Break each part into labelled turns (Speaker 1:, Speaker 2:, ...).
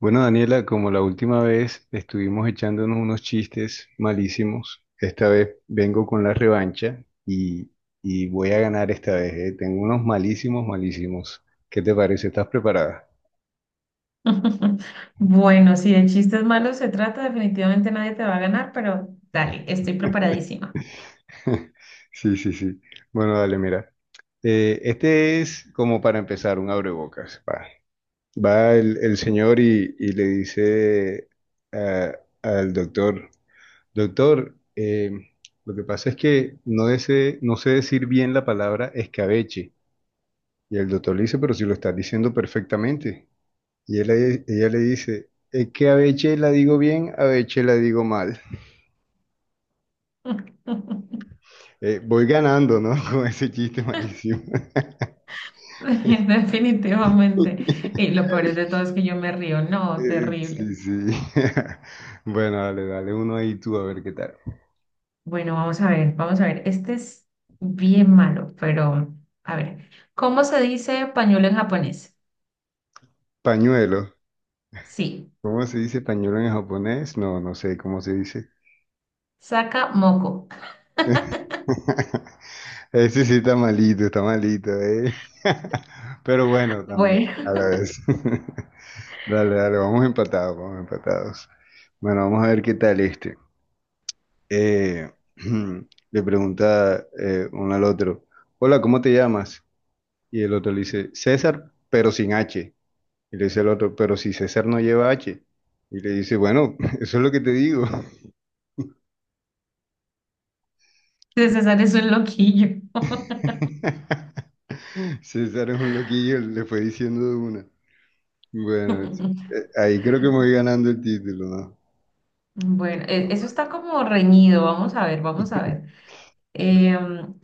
Speaker 1: Bueno, Daniela, como la última vez estuvimos echándonos unos chistes malísimos, esta vez vengo con la revancha y voy a ganar esta vez, ¿eh? Tengo unos malísimos, malísimos. ¿Qué te parece? ¿Estás preparada?
Speaker 2: Bueno, si de chistes malos se trata, definitivamente nadie te va a ganar, pero dale, estoy preparadísima.
Speaker 1: Sí, sí, sí. Bueno, dale, mira. Este es como para empezar, un abrebocas. Va el señor y le dice a- al doctor. Doctor, lo que pasa es que no, no sé decir bien la palabra escabeche. Y el doctor le dice, pero si lo estás diciendo perfectamente. Ella le dice, es que abeche la digo bien, abeche la digo mal. Voy ganando, ¿no? Con ese chiste malísimo.
Speaker 2: Definitivamente. Y lo peor de todo es que yo me río. No, terrible.
Speaker 1: Sí, sí. Bueno, dale, dale uno ahí tú a ver qué tal.
Speaker 2: Bueno, vamos a ver, vamos a ver. Este es bien malo, pero a ver. ¿Cómo se dice pañuelo en japonés?
Speaker 1: Pañuelo.
Speaker 2: Sí,
Speaker 1: ¿Cómo se dice pañuelo en japonés? No, no sé cómo se dice.
Speaker 2: saca moco.
Speaker 1: Ese sí está malito, ¿eh? Pero bueno, también,
Speaker 2: Bueno,
Speaker 1: a la vez. Dale, dale, vamos empatados, vamos empatados. Bueno, vamos a ver qué tal este. Eh, le pregunta uno al otro, hola, ¿cómo te llamas? Y el otro le dice, César, pero sin H. Y le dice el otro, pero si César no lleva H. Y le dice, bueno, eso es lo que te digo.
Speaker 2: César es un loquillo.
Speaker 1: César es un loquillo, le fue diciendo de una. Bueno, ahí creo que me voy ganando el título, ¿no?
Speaker 2: Bueno, eso está como reñido. Vamos a ver, vamos a ver. Em,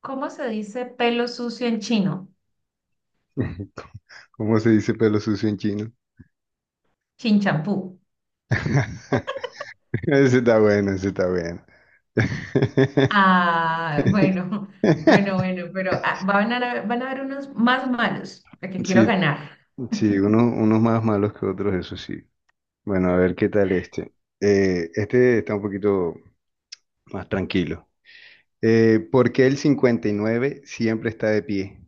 Speaker 2: ¿Cómo se dice pelo sucio en chino?
Speaker 1: ¿Cómo se dice pelo sucio en chino?
Speaker 2: Chinchampú.
Speaker 1: Ese está bueno, ese está bueno.
Speaker 2: Ah, bueno, bueno, bueno, pero ah, van a haber unos más malos, porque quiero
Speaker 1: Sí,
Speaker 2: ganar.
Speaker 1: sí, unos, unos más malos que otros, eso sí. Bueno, a ver qué tal este. Este está un poquito más tranquilo. ¿Por qué el 59 siempre está de pie?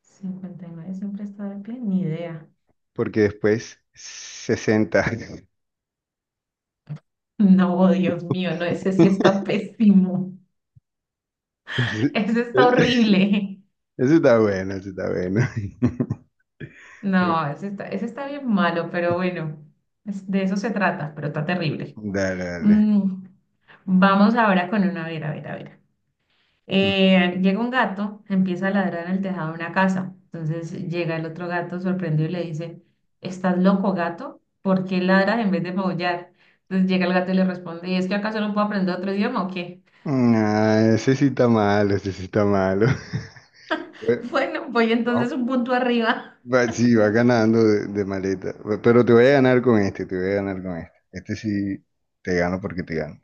Speaker 2: 59 siempre está de pie, ni idea.
Speaker 1: Porque después 60.
Speaker 2: No, Dios mío, no, ese sí está pésimo.
Speaker 1: Ese
Speaker 2: Ese está horrible.
Speaker 1: ese está bueno, ese está bueno.
Speaker 2: No, ese está bien malo, pero bueno, de eso se trata, pero está terrible.
Speaker 1: Dale, dale.
Speaker 2: Mm, vamos ahora con una, a ver, a ver, a ver.
Speaker 1: Mm.
Speaker 2: Llega un gato, empieza a ladrar en el tejado de una casa. Entonces llega el otro gato sorprendido y le dice, ¿estás loco, gato? ¿Por qué ladras en vez de maullar? Entonces llega el gato y le responde, ¿y es que acaso no puedo aprender otro idioma o qué?
Speaker 1: Ah, ese sí está malo, ese sí está malo. Bueno,
Speaker 2: Bueno, voy
Speaker 1: vamos-
Speaker 2: entonces un punto arriba.
Speaker 1: sí, va ganando de maleta. Pero te voy a ganar con este, te voy a ganar con este. Este sí te gano porque te gano.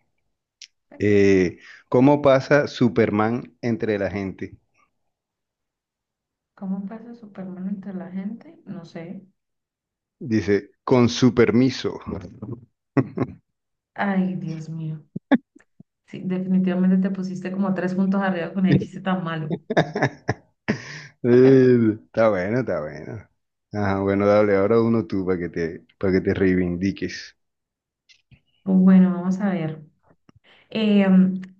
Speaker 2: Aquí.
Speaker 1: Eh, ¿Cómo pasa Superman entre la gente?
Speaker 2: ¿Cómo pasa Superman entre la gente? No sé.
Speaker 1: Dice, con su permiso.
Speaker 2: Ay, Dios mío. Sí, definitivamente te pusiste como tres puntos arriba con el chiste tan malo.
Speaker 1: Está bueno, está bueno. Ajá, bueno, dale, ahora uno tú para que te reivindiques.
Speaker 2: Pues bueno, vamos a ver. Eh,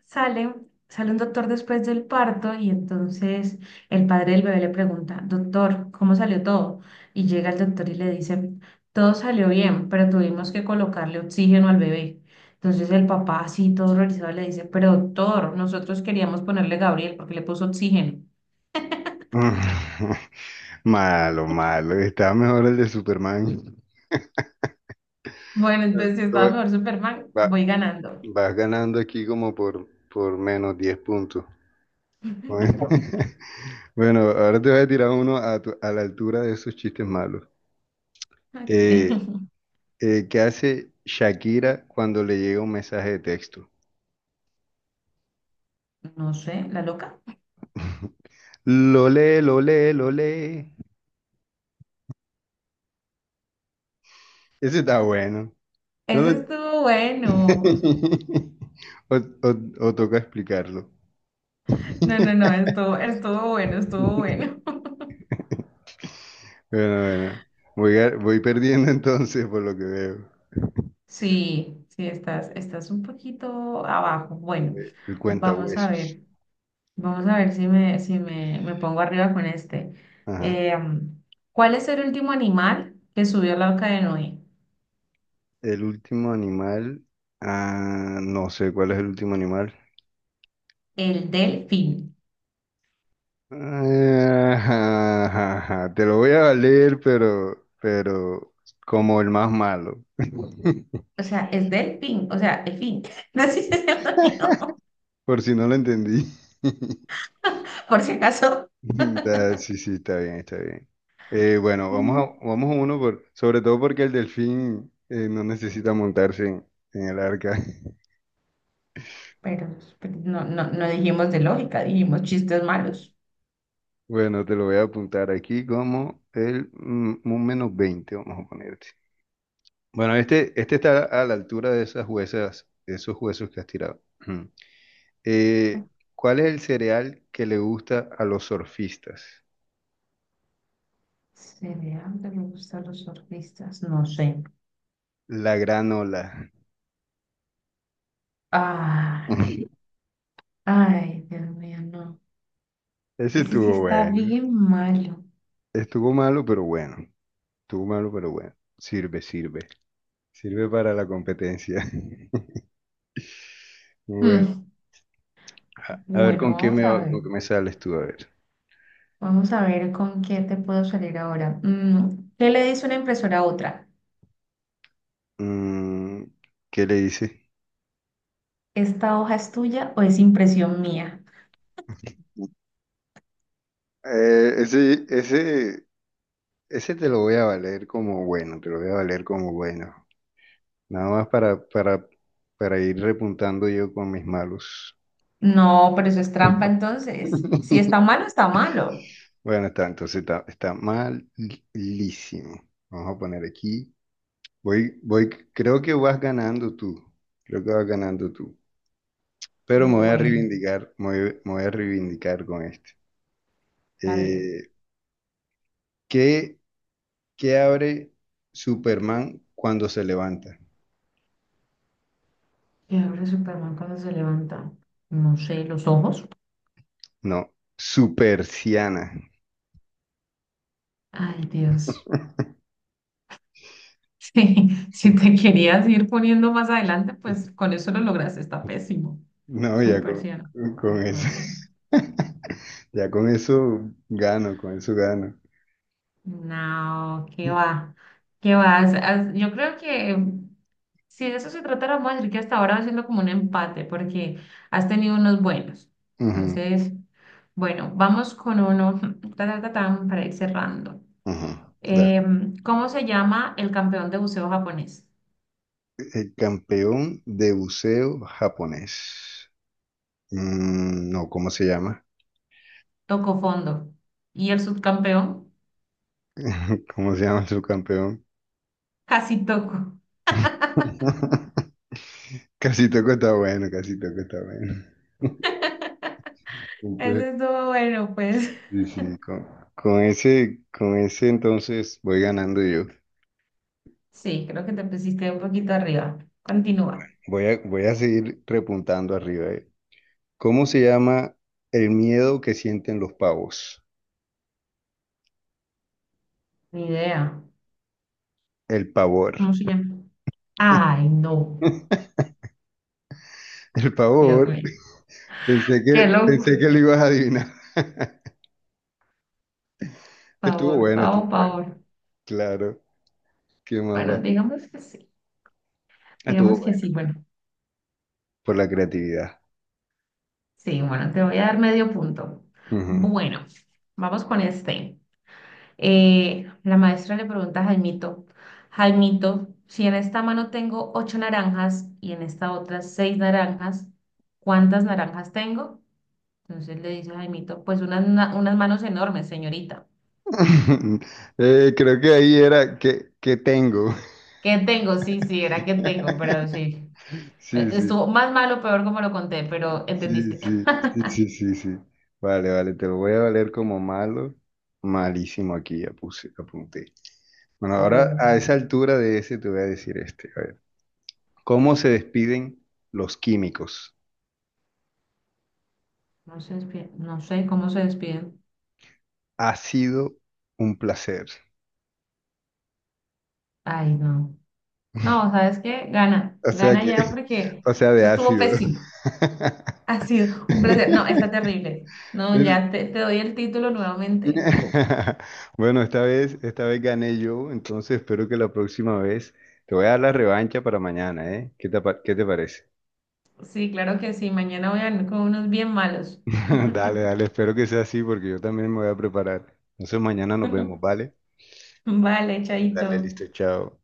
Speaker 2: sale, sale un doctor después del parto y entonces el padre del bebé le pregunta, doctor, ¿cómo salió todo? Y llega el doctor y le dice, todo salió bien, pero tuvimos que colocarle oxígeno al bebé. Entonces el papá, así todo horrorizado, le dice, pero doctor, nosotros queríamos ponerle Gabriel porque le puso oxígeno.
Speaker 1: Mm. Malo, malo. Está mejor el de Superman.
Speaker 2: Bueno, entonces si
Speaker 1: Tú
Speaker 2: estaba
Speaker 1: ve-
Speaker 2: mejor Superman,
Speaker 1: va-
Speaker 2: voy ganando.
Speaker 1: vas ganando aquí como por -10 puntos. Bueno, bueno, ahora te voy a tirar uno a, tu- a la altura de esos chistes malos. Eh,
Speaker 2: Ok.
Speaker 1: ¿Qué hace Shakira cuando le llega un mensaje de texto?
Speaker 2: No sé, la loca.
Speaker 1: Lo lee, lo lee, lo lee. Ese está bueno. No lo...
Speaker 2: Eso estuvo bueno.
Speaker 1: o toca explicarlo.
Speaker 2: No, no, no, estuvo bueno, estuvo bueno.
Speaker 1: Bueno, bueno. Voy perdiendo entonces por lo que veo.
Speaker 2: Sí, sí, estás un poquito abajo. Bueno,
Speaker 1: El
Speaker 2: vamos a
Speaker 1: cuentahuesos.
Speaker 2: ver, vamos a ver si me, si me, me pongo arriba con este.
Speaker 1: Ajá.
Speaker 2: Em, ¿Cuál es el último animal que subió al arca de Noé?
Speaker 1: El último animal. Ah, no sé cuál es el último animal.
Speaker 2: El delfín.
Speaker 1: Ah, ajá, ajá, ajá. Te lo voy a valer, pero como el más malo.
Speaker 2: O sea, es delfín, o sea, el fin. No sé si se llama mío,
Speaker 1: Por si no lo entendí.
Speaker 2: por si acaso.
Speaker 1: Sí, sí, está bien, está bien. Bueno,
Speaker 2: Mm,
Speaker 1: vamos a uno por, sobre todo porque el delfín no necesita montarse en el arca.
Speaker 2: Pero, pero no, no, no dijimos de lógica, dijimos chistes malos.
Speaker 1: Bueno, te lo voy a apuntar aquí como el un -20, vamos a ponerte. Bueno, este está a la altura de esas huesas, de esos huesos que has tirado. Ujú. Eh, ¿Cuál es el cereal que le gusta a los surfistas?
Speaker 2: Cereal que me gustan los surfistas, no sé.
Speaker 1: La granola.
Speaker 2: Ay, ay, Dios mío, no.
Speaker 1: Ese
Speaker 2: Ese sí
Speaker 1: estuvo
Speaker 2: está
Speaker 1: bueno.
Speaker 2: bien malo.
Speaker 1: Estuvo malo, pero bueno. Estuvo malo, pero bueno. Sirve, sirve. Sirve para la competencia. Bueno,
Speaker 2: Mm,
Speaker 1: a ver
Speaker 2: bueno, vamos a ver.
Speaker 1: con qué me sales tú, a ver.
Speaker 2: Vamos a ver con qué te puedo salir ahora. ¿Qué le dice una impresora a otra?
Speaker 1: Mm, ¿qué le dices?
Speaker 2: ¿Esta hoja es tuya o es impresión mía?
Speaker 1: Eh, ese, ese, ese te lo voy a valer como bueno, te lo voy a valer como bueno. Nada más para ir repuntando yo con mis malos.
Speaker 2: No, pero eso es trampa entonces. Si está malo, está malo.
Speaker 1: Bueno, está, entonces está, está malísimo. Vamos a poner aquí. Voy, voy, creo que vas ganando tú. Creo que vas ganando tú. Pero me voy a
Speaker 2: Bueno,
Speaker 1: reivindicar, me voy a reivindicar con este.
Speaker 2: está bien.
Speaker 1: Eh, ¿qué, qué abre Superman cuando se levanta?
Speaker 2: ¿Qué abre Superman cuando se levanta? No sé, los ojos.
Speaker 1: No, supersiana.
Speaker 2: Ay, Dios. Sí, si te querías ir poniendo más adelante, pues con eso lo lograste, está pésimo.
Speaker 1: No, ya
Speaker 2: Súper ciano.
Speaker 1: con,
Speaker 2: Ay,
Speaker 1: con
Speaker 2: por
Speaker 1: eso.
Speaker 2: Dios.
Speaker 1: Ya con eso gano, con eso gano.
Speaker 2: No, no, qué va, qué va. Yo creo que si de eso se tratara, vamos a decir que hasta ahora va siendo como un empate, porque has tenido unos buenos.
Speaker 1: Ujú,
Speaker 2: Entonces, bueno, vamos con uno, ta, ta, ta, tan, para ir cerrando.
Speaker 1: ujú. Da-
Speaker 2: ¿Cómo se llama el campeón de buceo japonés?
Speaker 1: El campeón de buceo japonés. Mm, no, ¿cómo se llama?
Speaker 2: Toco fondo. ¿Y el subcampeón?
Speaker 1: ¿Cómo se llama su campeón?
Speaker 2: Casi toco.
Speaker 1: Casi toco está bueno, casi toco está bueno.
Speaker 2: Eso
Speaker 1: Entonces,
Speaker 2: estuvo bueno, pues.
Speaker 1: sí, sí, con ese entonces voy ganando yo.
Speaker 2: Sí, creo que te pusiste un poquito arriba. Continúa.
Speaker 1: Voy a seguir repuntando arriba. ¿Cómo se llama el miedo que sienten los pavos?
Speaker 2: Ni idea.
Speaker 1: El pavor.
Speaker 2: ¿Cómo se llama? Ay, no.
Speaker 1: El
Speaker 2: Dios
Speaker 1: pavor.
Speaker 2: mío.
Speaker 1: Pensé
Speaker 2: Qué
Speaker 1: que,
Speaker 2: loco.
Speaker 1: pensé que lo ibas a adivinar. Estuvo
Speaker 2: Pavor,
Speaker 1: bueno, estuvo
Speaker 2: pavor,
Speaker 1: bueno.
Speaker 2: pavor.
Speaker 1: Claro. ¿Qué más va?
Speaker 2: Bueno, digamos que sí.
Speaker 1: Estuvo
Speaker 2: Digamos que
Speaker 1: bueno.
Speaker 2: sí. Bueno,
Speaker 1: Por la creatividad.
Speaker 2: sí, bueno, te voy a dar medio punto.
Speaker 1: Ujú.
Speaker 2: Bueno, vamos con este. La maestra le pregunta a Jaimito, Jaimito, si en esta mano tengo ocho naranjas y en esta otra seis naranjas, ¿cuántas naranjas tengo? Entonces le dice Jaimito, pues unas manos enormes, señorita.
Speaker 1: Creo que ahí era que tengo.
Speaker 2: ¿Qué tengo? Sí, sí, era que tengo, pero sí.
Speaker 1: Sí, sí,
Speaker 2: Estuvo más malo, peor como lo conté, pero
Speaker 1: sí,
Speaker 2: entendiste.
Speaker 1: sí, sí, sí, sí, sí. Vale, vale, te lo voy a valer como malo. Malísimo aquí, ya puse, apunté. Bueno, ahora
Speaker 2: Uh,
Speaker 1: a esa altura de ese te voy a decir este. A ver, ¿cómo se despiden los químicos?
Speaker 2: no se despide, no sé cómo se despiden.
Speaker 1: Ha sido un placer.
Speaker 2: Ay, no. No, ¿sabes qué? Gana,
Speaker 1: O sea
Speaker 2: gana
Speaker 1: que,
Speaker 2: ya porque
Speaker 1: o sea, de
Speaker 2: eso estuvo
Speaker 1: ácido.
Speaker 2: pésimo. Ha sido un placer. No, está terrible. No,
Speaker 1: Es-
Speaker 2: ya te doy el título nuevamente.
Speaker 1: Bueno, esta vez gané yo, entonces espero que la próxima vez te voy a dar la revancha para mañana, ¿eh? ¿Qué te parece?
Speaker 2: Sí, claro que sí. Mañana voy a venir con unos bien malos.
Speaker 1: Dale, dale, espero que sea así porque yo también me voy a preparar. Entonces mañana nos vemos, ¿vale?
Speaker 2: Vale, chaito.
Speaker 1: Dale, listo, chao.